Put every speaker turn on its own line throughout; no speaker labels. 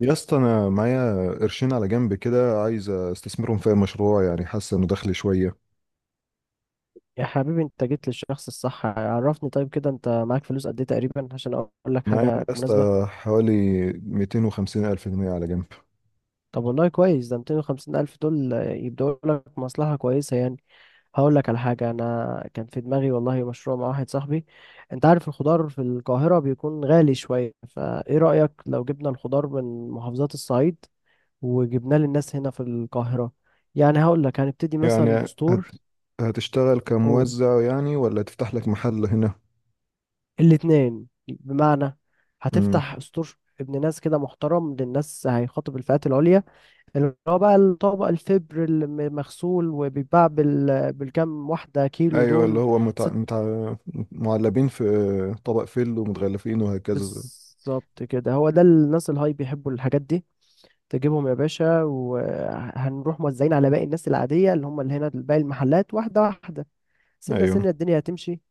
يا اسطى، انا معايا قرشين على جنب كده، عايز استثمرهم في مشروع، يعني حاسس انه دخلي شويه.
يا حبيبي انت جيت للشخص الصح. عرفني طيب، كده انت معاك فلوس قد ايه تقريبا عشان اقول لك
معايا يا
حاجة مناسبة.
اسطى حوالي 250 الف جنيه على جنب.
طب والله كويس، ده 250 الف دول يبدأوا لك مصلحة كويسة يعني. هقول لك على حاجة انا كان في دماغي والله، مشروع مع واحد صاحبي. انت عارف الخضار في القاهرة بيكون غالي شوية، فايه رأيك لو جبنا الخضار من محافظات الصعيد وجبناه للناس هنا في القاهرة؟ يعني هقول لك هنبتدي مثلا
يعني
بستور.
هتشتغل كموزع، يعني ولا تفتح لك محل هنا؟
الاتنين بمعنى،
امم.
هتفتح ستور ابن ناس كده محترم للناس، هيخاطب الفئات العليا، اللي هو بقى الطبق الفبر المغسول، وبيتباع بالكام واحدة كيلو
ايوه، اللي
دول.
هو
ست.
معلبين في طبق فل ومتغلفين وهكذا.
بالظبط كده، هو ده الناس الهاي بيحبوا الحاجات دي. تجيبهم يا باشا وهنروح موزعين على باقي الناس العادية، اللي هم اللي هنا باقي المحلات واحدة واحدة، سنة
ايوه.
سنة الدنيا هتمشي.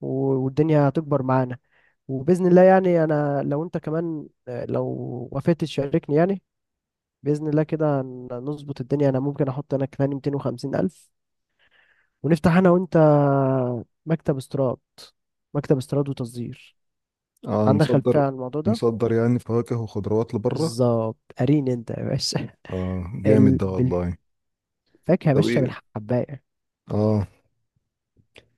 والدنيا هتكبر معانا وباذن الله. يعني انا لو انت كمان، لو وافقت تشاركني يعني، باذن الله كده نظبط الدنيا. انا ممكن احط انا كمان 250 الف، ونفتح انا وانت مكتب استيراد، مكتب استيراد وتصدير.
آه،
عندك خلفيه
نصدر
عن الموضوع ده؟
نصدر يعني فواكه وخضروات لبره.
بالظبط، قارين انت يا باشا.
اه جامد ده
بالفاكهه
والله.
يا
طب
باشا،
ايه؟
بالحبايه.
اه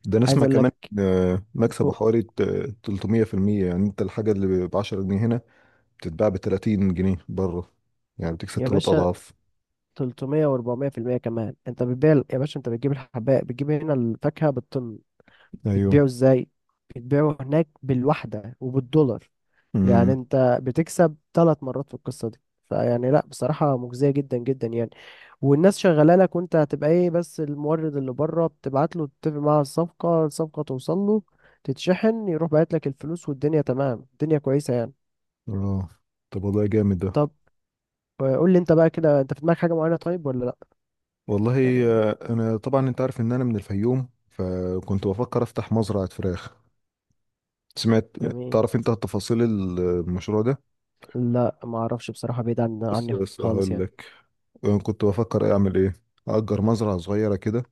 ده
عايز
نسمع
اقول لك.
كمان. مكسبه
أو-
حوالي 300% يعني انت الحاجة اللي ب 10 جنيه هنا بتتباع ب 30 جنيه بره، يعني بتكسب
يا
ثلاث
باشا
اضعاف.
300 و400% كمان انت بتبيع. يا باشا انت بتجيب الحبايه، بتجيب هنا الفاكهه بالطن،
ايوه.
بتبيعه ازاي؟ بتبيعه هناك بالوحدة وبالدولار. يعني
امم.
انت بتكسب ثلاث مرات في القصة دي. فيعني لا، بصراحة مجزية جدا جدا يعني. والناس شغاله لك، وانت هتبقى ايه بس؟ المورد اللي بره بتبعت له، تتفق معاه على الصفقه، الصفقه توصل له تتشحن، يروح باعت لك الفلوس، والدنيا تمام، الدنيا كويسه يعني.
اه. طب والله جامد ده.
طب، قول لي انت بقى كده، انت في دماغك حاجه معينه طيب ولا لا؟
والله
يعني
انا طبعا انت عارف ان انا من الفيوم، فكنت بفكر افتح مزرعة فراخ. سمعت؟
جميل.
تعرف انت تفاصيل المشروع ده؟
لا ما اعرفش بصراحه، بعيد عن
بص،
عني
بس
خالص
هقول
يعني.
لك أنا كنت بفكر اعمل ايه. اجر مزرعة صغيرة كده،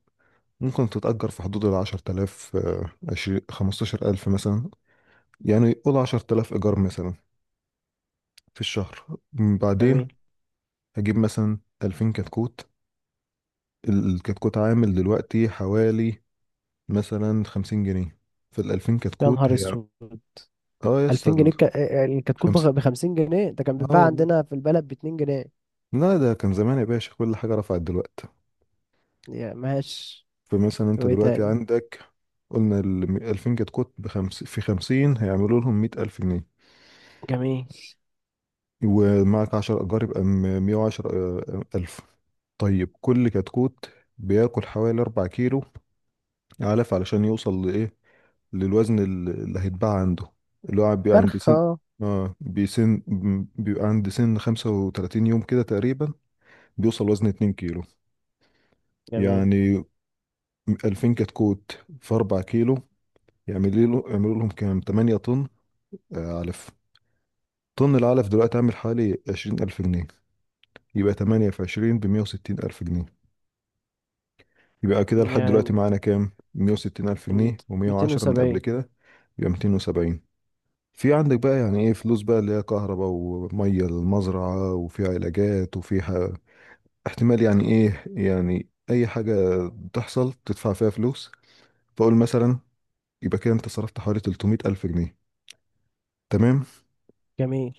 ممكن تتأجر في حدود ال 10000، 20 15000 مثلا، يعني قول 10000 إيجار مثلا في الشهر، بعدين
جميل.
هجيب مثلا 2000 كتكوت. الكتكوت عامل دلوقتي حوالي مثلا 50 جنيه. فال 2000
يا
كتكوت
نهار
هي...
اسود،
اه،
2000 جنيه!
يصل.
الكتكوت
50؟
ب 50 جنيه؟ ده كان
اه
بيتباع
والله.
عندنا في البلد ب 2 جنيه.
لا، ده كان زمان يا باشا، كل حاجة رفعت دلوقتي.
يعني ماشي،
فمثلا انت
وايه
دلوقتي
تاني؟
عندك، قلنا ال 2000 كتكوت بخمس في 50 هيعملوا لهم 100000 جنيه،
جميل.
ومعك عشر أشجار، يبقى مية وعشر ألف. طيب كل كتكوت بياكل حوالي أربع كيلو علف علشان يوصل لإيه، للوزن اللي هيتباع عنده، اللي هو بيبقى عند
فرخة
سن.
اه.
اه، بيبقى عند سن 35 يوم كده تقريبا، بيوصل وزن اتنين كيلو.
جميل.
يعني 2000 كتكوت في أربع كيلو، يعملوا لهم كام؟ تمانية طن علف. طن العلف دلوقتي عامل حوالي 20000 جنيه، يبقى تمانية في عشرين بمية وستين ألف جنيه. يبقى كده لحد دلوقتي
يعني
معانا كام، 160 ألف جنيه و110 من قبل
270.
كده، يبقى 270. في عندك بقى يعني ايه، فلوس بقى اللي هي كهرباء ومية للمزرعة، وفي علاجات، وفي احتمال يعني ايه، يعني اي حاجة تحصل تدفع فيها فلوس. فاقول مثلا يبقى كده انت صرفت حوالي 300 ألف جنيه، تمام.
جميل.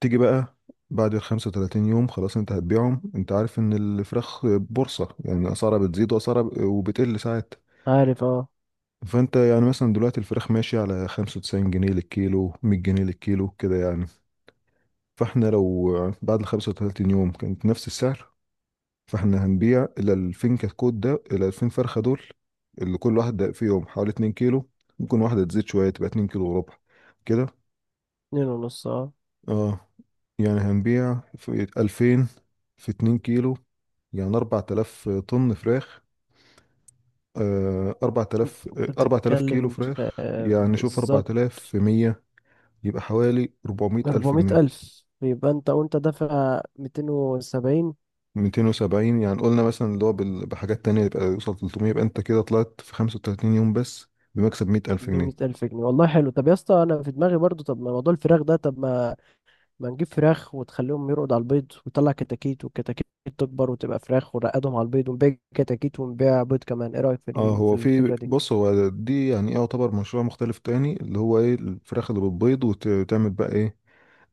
تيجي بقى بعد ال 35 يوم خلاص انت هتبيعهم. انت عارف ان الفراخ بورصة، يعني اسعارها بتزيد واسعارها وبتقل ساعات.
عارف اه.
فانت يعني مثلا دلوقتي الفراخ ماشية على 95 جنيه للكيلو، 100 جنيه للكيلو كده يعني. فاحنا لو بعد ال 35 يوم كانت نفس السعر، فاحنا هنبيع ال 2000 كتكوت ده، ال 2000 فرخة دول، اللي كل واحد ده في يوم حوالي 2 كيلو. ممكن واحدة تزيد شوية تبقى 2 كيلو وربع كده.
اتنين ونص اه.
اه، يعني هنبيع في 2000 في 2 كيلو، يعني 4000 طن فراخ، 4000
انت
4000 كيلو
بتتكلم في،
فراخ، يعني شوف،
بالظبط.
4100، يبقى حوالي 400 ألف
400
جنيه.
ألف. يبقى انت وانت دافع 270،
270، يعني قلنا مثلا اللي هو بحاجات تانية يبقى يوصل 300، يبقى أنت كده طلعت في 35 يوم بس بمكسب 100 ألف
ب 100
جنيه.
ألف جنيه. والله حلو. طب يا اسطى، انا في دماغي برضو، طب ما موضوع الفراخ ده، طب ما ما نجيب فراخ وتخليهم يرقدوا على البيض وتطلع كتاكيت، والكتاكيت تكبر وتبقى فراخ ونرقدهم على البيض، ونبيع كتاكيت ونبيع بيض كمان. ايه رأيك في
اه
في
هو في،
الفكرة دي؟
بص هو دي يعني ايه، يعتبر مشروع مختلف تاني، اللي هو ايه، الفراخ اللي بتبيض وتعمل بقى ايه،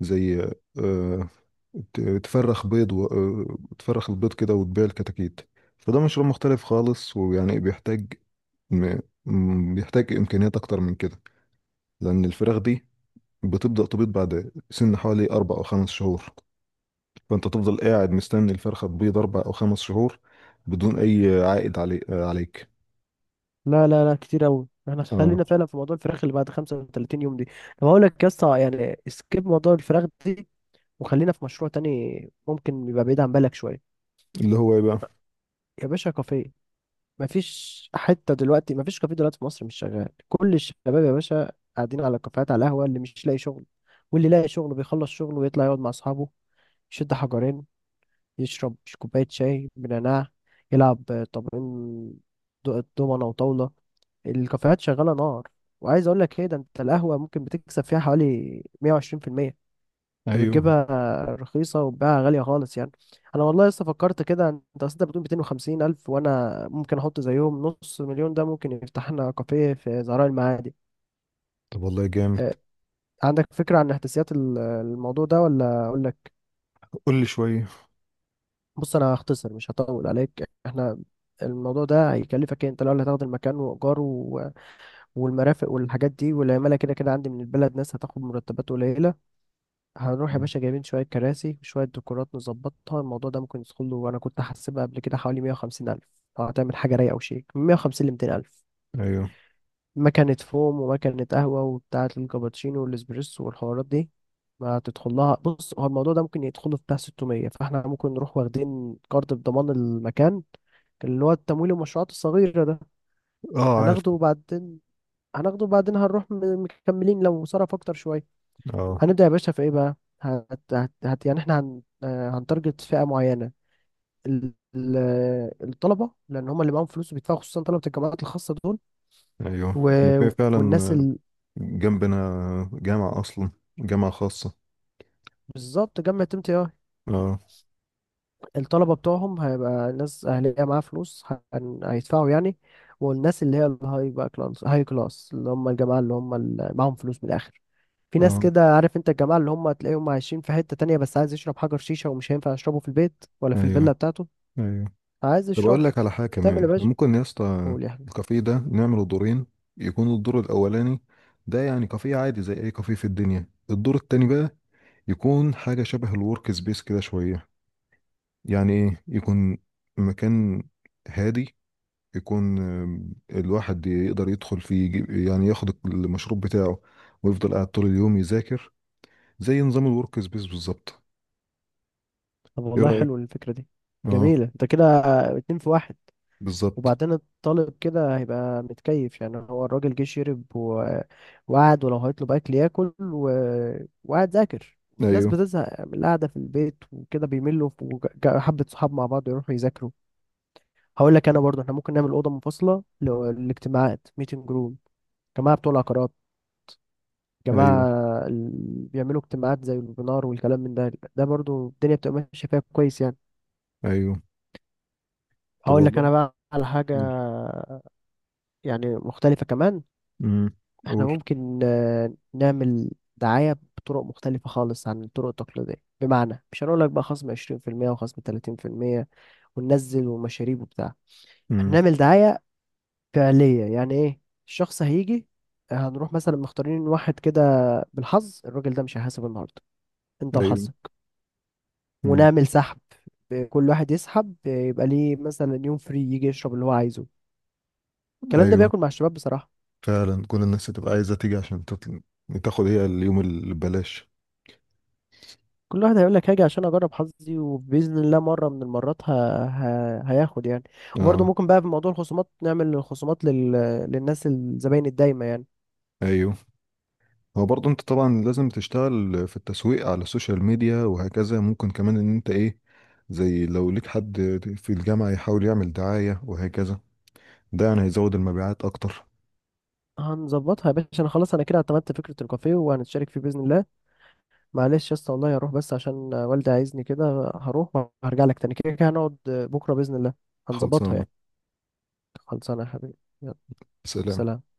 زي آه تفرخ بيض و... آه، تفرخ البيض كده وتبيع الكتاكيت. فده مشروع مختلف خالص، ويعني بيحتاج م... بيحتاج إمكانيات أكتر من كده، لأن الفراخ دي بتبدأ تبيض بعد سن حوالي أربع أو خمس شهور، فأنت تفضل قاعد مستني الفرخة تبيض أربع أو خمس شهور بدون أي عائد عليك.
لا لا لا كتير قوي، احنا
اه.
خلينا فعلا في موضوع الفراخ اللي بعد 35 يوم دي. طب هقول لك يا اسطى، يعني سكيب موضوع الفراخ دي، وخلينا في مشروع تاني ممكن يبقى بعيد عن بالك شوية.
اللي هو إيه بقى؟
يا باشا، كافيه! مفيش حتة دلوقتي مفيش كافيه دلوقتي في مصر مش شغال. كل الشباب يا باشا قاعدين على الكافيهات، على القهوة، اللي مش لاقي شغل واللي لاقي شغل بيخلص شغله ويطلع يقعد مع اصحابه، يشد حجرين، يشرب كوباية شاي بنعناع، يلعب طابين، دومنة وطاولة. الكافيهات شغالة نار. وعايز أقول لك إيه، ده أنت القهوة ممكن بتكسب فيها حوالي 120%. أنت
أيوه،
بتجيبها رخيصة وبتبيعها غالية خالص يعني. أنا والله لسه فكرت كده، أنت أصل أنت بتقول 250 ألف، وأنا ممكن أحط زيهم نص مليون، ده ممكن يفتح لنا كافيه في زهراء المعادي.
طب والله جامد.
أه، عندك فكرة عن إحداثيات الموضوع ده ولا أقول؟
قول لي شوية.
بص انا هختصر مش هطول عليك. احنا الموضوع ده هيكلفك إيه؟ انت الاول هتاخد المكان وايجاره والمرافق والحاجات دي، والعماله كده كده عندي من البلد ناس هتاخد مرتبات قليله. هنروح يا
مم.
باشا جايبين شويه كراسي وشويه ديكورات نظبطها، الموضوع ده ممكن يدخل له، وانا كنت حاسبها قبل كده حوالي 150 الف. لو هتعمل حاجه رايقه وشيك، من 150 ل 200 الف.
أيوه.
مكنه فوم ومكنه قهوه وبتاعه الكابتشينو والاسبريسو والحوارات دي ما هتدخل لها. بص هو الموضوع ده ممكن يدخله في بتاع 600، فاحنا ممكن نروح واخدين كارد بضمان المكان، اللي هو التمويل المشروعات الصغيرة ده.
أه عارف.
هناخده وبعدين، هناخده وبعدين هنروح مكملين لو صرف أكتر شوية.
أه.
هنبدأ يا باشا في إيه بقى؟ يعني إحنا هنتارجت فئة معينة، ال... ال- الطلبة، لأن هم اللي معاهم فلوس وبيدفعوا، خصوصا طلبة الجامعات الخاصة دول.
أيوه،
و...
إحنا في فعلا
والناس
جنبنا جامعة أصلا، جامعة خاصة.
بالظبط، جامعة ام تي اي.
أه.
الطلبة بتوعهم هيبقى ناس أهلية معاها فلوس، هيدفعوا يعني. والناس اللي هي الهاي بقى، كلاس هاي كلاس، اللي هم الجماعة اللي هم اللي معاهم فلوس من الآخر. في ناس
أه.
كده عارف انت، الجماعة اللي هم تلاقيهم عايشين في حتة تانية، بس عايز يشرب حجر شيشة ومش هينفع يشربه في البيت ولا في
أيوه.
الفيلا بتاعته.
أيوه،
عايز
طب اقول
يشربه.
لك على حاجه
تعمل
كمان،
يا
احنا
باشا،
ممكن يا اسطى
قول يا حبيبي.
الكافيه ده نعمله دورين، يكون الدور الاولاني ده يعني كافيه عادي زي اي كافيه في الدنيا، الدور التاني بقى يكون حاجه شبه الورك سبيس كده شويه، يعني ايه، يكون مكان هادي، يكون الواحد يقدر يدخل فيه، يعني ياخد المشروب بتاعه ويفضل قاعد طول اليوم يذاكر، زي نظام الورك سبيس بالظبط.
طب
ايه
والله
رايك؟
حلو الفكرة دي.
اه.
جميلة، انت كده اتنين في واحد.
بالظبط.
وبعدين الطالب كده هيبقى متكيف، يعني هو الراجل جه شرب وقعد، ولو هيطلب أكل ياكل وقعد ذاكر. الناس
ايوه.
بتزهق من القعدة في البيت وكده بيملوا، وحبة صحاب مع بعض يروحوا يذاكروا. هقول لك انا برضه، احنا ممكن نعمل اوضه منفصله للاجتماعات، ميتنج روم. جماعة بتوع العقارات، جماعة
ايوه.
اللي بيعملوا اجتماعات زي الويبينار والكلام من ده، ده برضو الدنيا بتبقى ماشية فيها كويس يعني.
ايوه. طب
هقول لك
والله.
أنا بقى على حاجة
قول.
يعني مختلفة كمان.
امم.
احنا
قول.
ممكن، نعمل دعاية بطرق مختلفة خالص عن الطرق التقليدية. بمعنى مش هنقول لك بقى خصم 20% وخصم 30% وننزل ومشاريب وبتاع.
امم.
هنعمل دعاية فعلية، يعني ايه؟ الشخص هيجي، هنروح مثلا مختارين واحد كده بالحظ، الراجل ده مش هيحاسب النهارده، انت
ايوه.
وحظك.
امم.
ونعمل سحب، كل واحد يسحب يبقى ليه مثلا يوم فري يجي يشرب اللي هو عايزه. الكلام ده
ايوه،
بياكل مع الشباب بصراحة.
فعلا كل الناس هتبقى عايزه تيجي عشان تاخد هي اليوم اللي ببلاش.
كل واحد هيقول لك هاجي عشان اجرب حظي، وباذن الله مره من المرات هياخد يعني. وبرضه
اه.
ممكن بقى في موضوع الخصومات نعمل خصومات للناس الزباين الدايمه يعني.
ايوه. هو برضه انت طبعا لازم تشتغل في التسويق على السوشيال ميديا وهكذا، ممكن كمان ان انت ايه، زي لو ليك حد في الجامعه يحاول يعمل دعايه وهكذا، ده يعني هيزود المبيعات اكتر.
هنظبطها يا باشا، انا خلاص انا كده اعتمدت فكره الكافيه وهنتشارك فيه باذن الله. معلش يا اسطى، والله هروح بس عشان والدي عايزني كده، هروح وهرجع لك تاني، كده كده هنقعد بكره باذن الله هنظبطها
خلصانه.
يعني. خلصانه. يا حبيبي، يلا.
سلام.
سلام.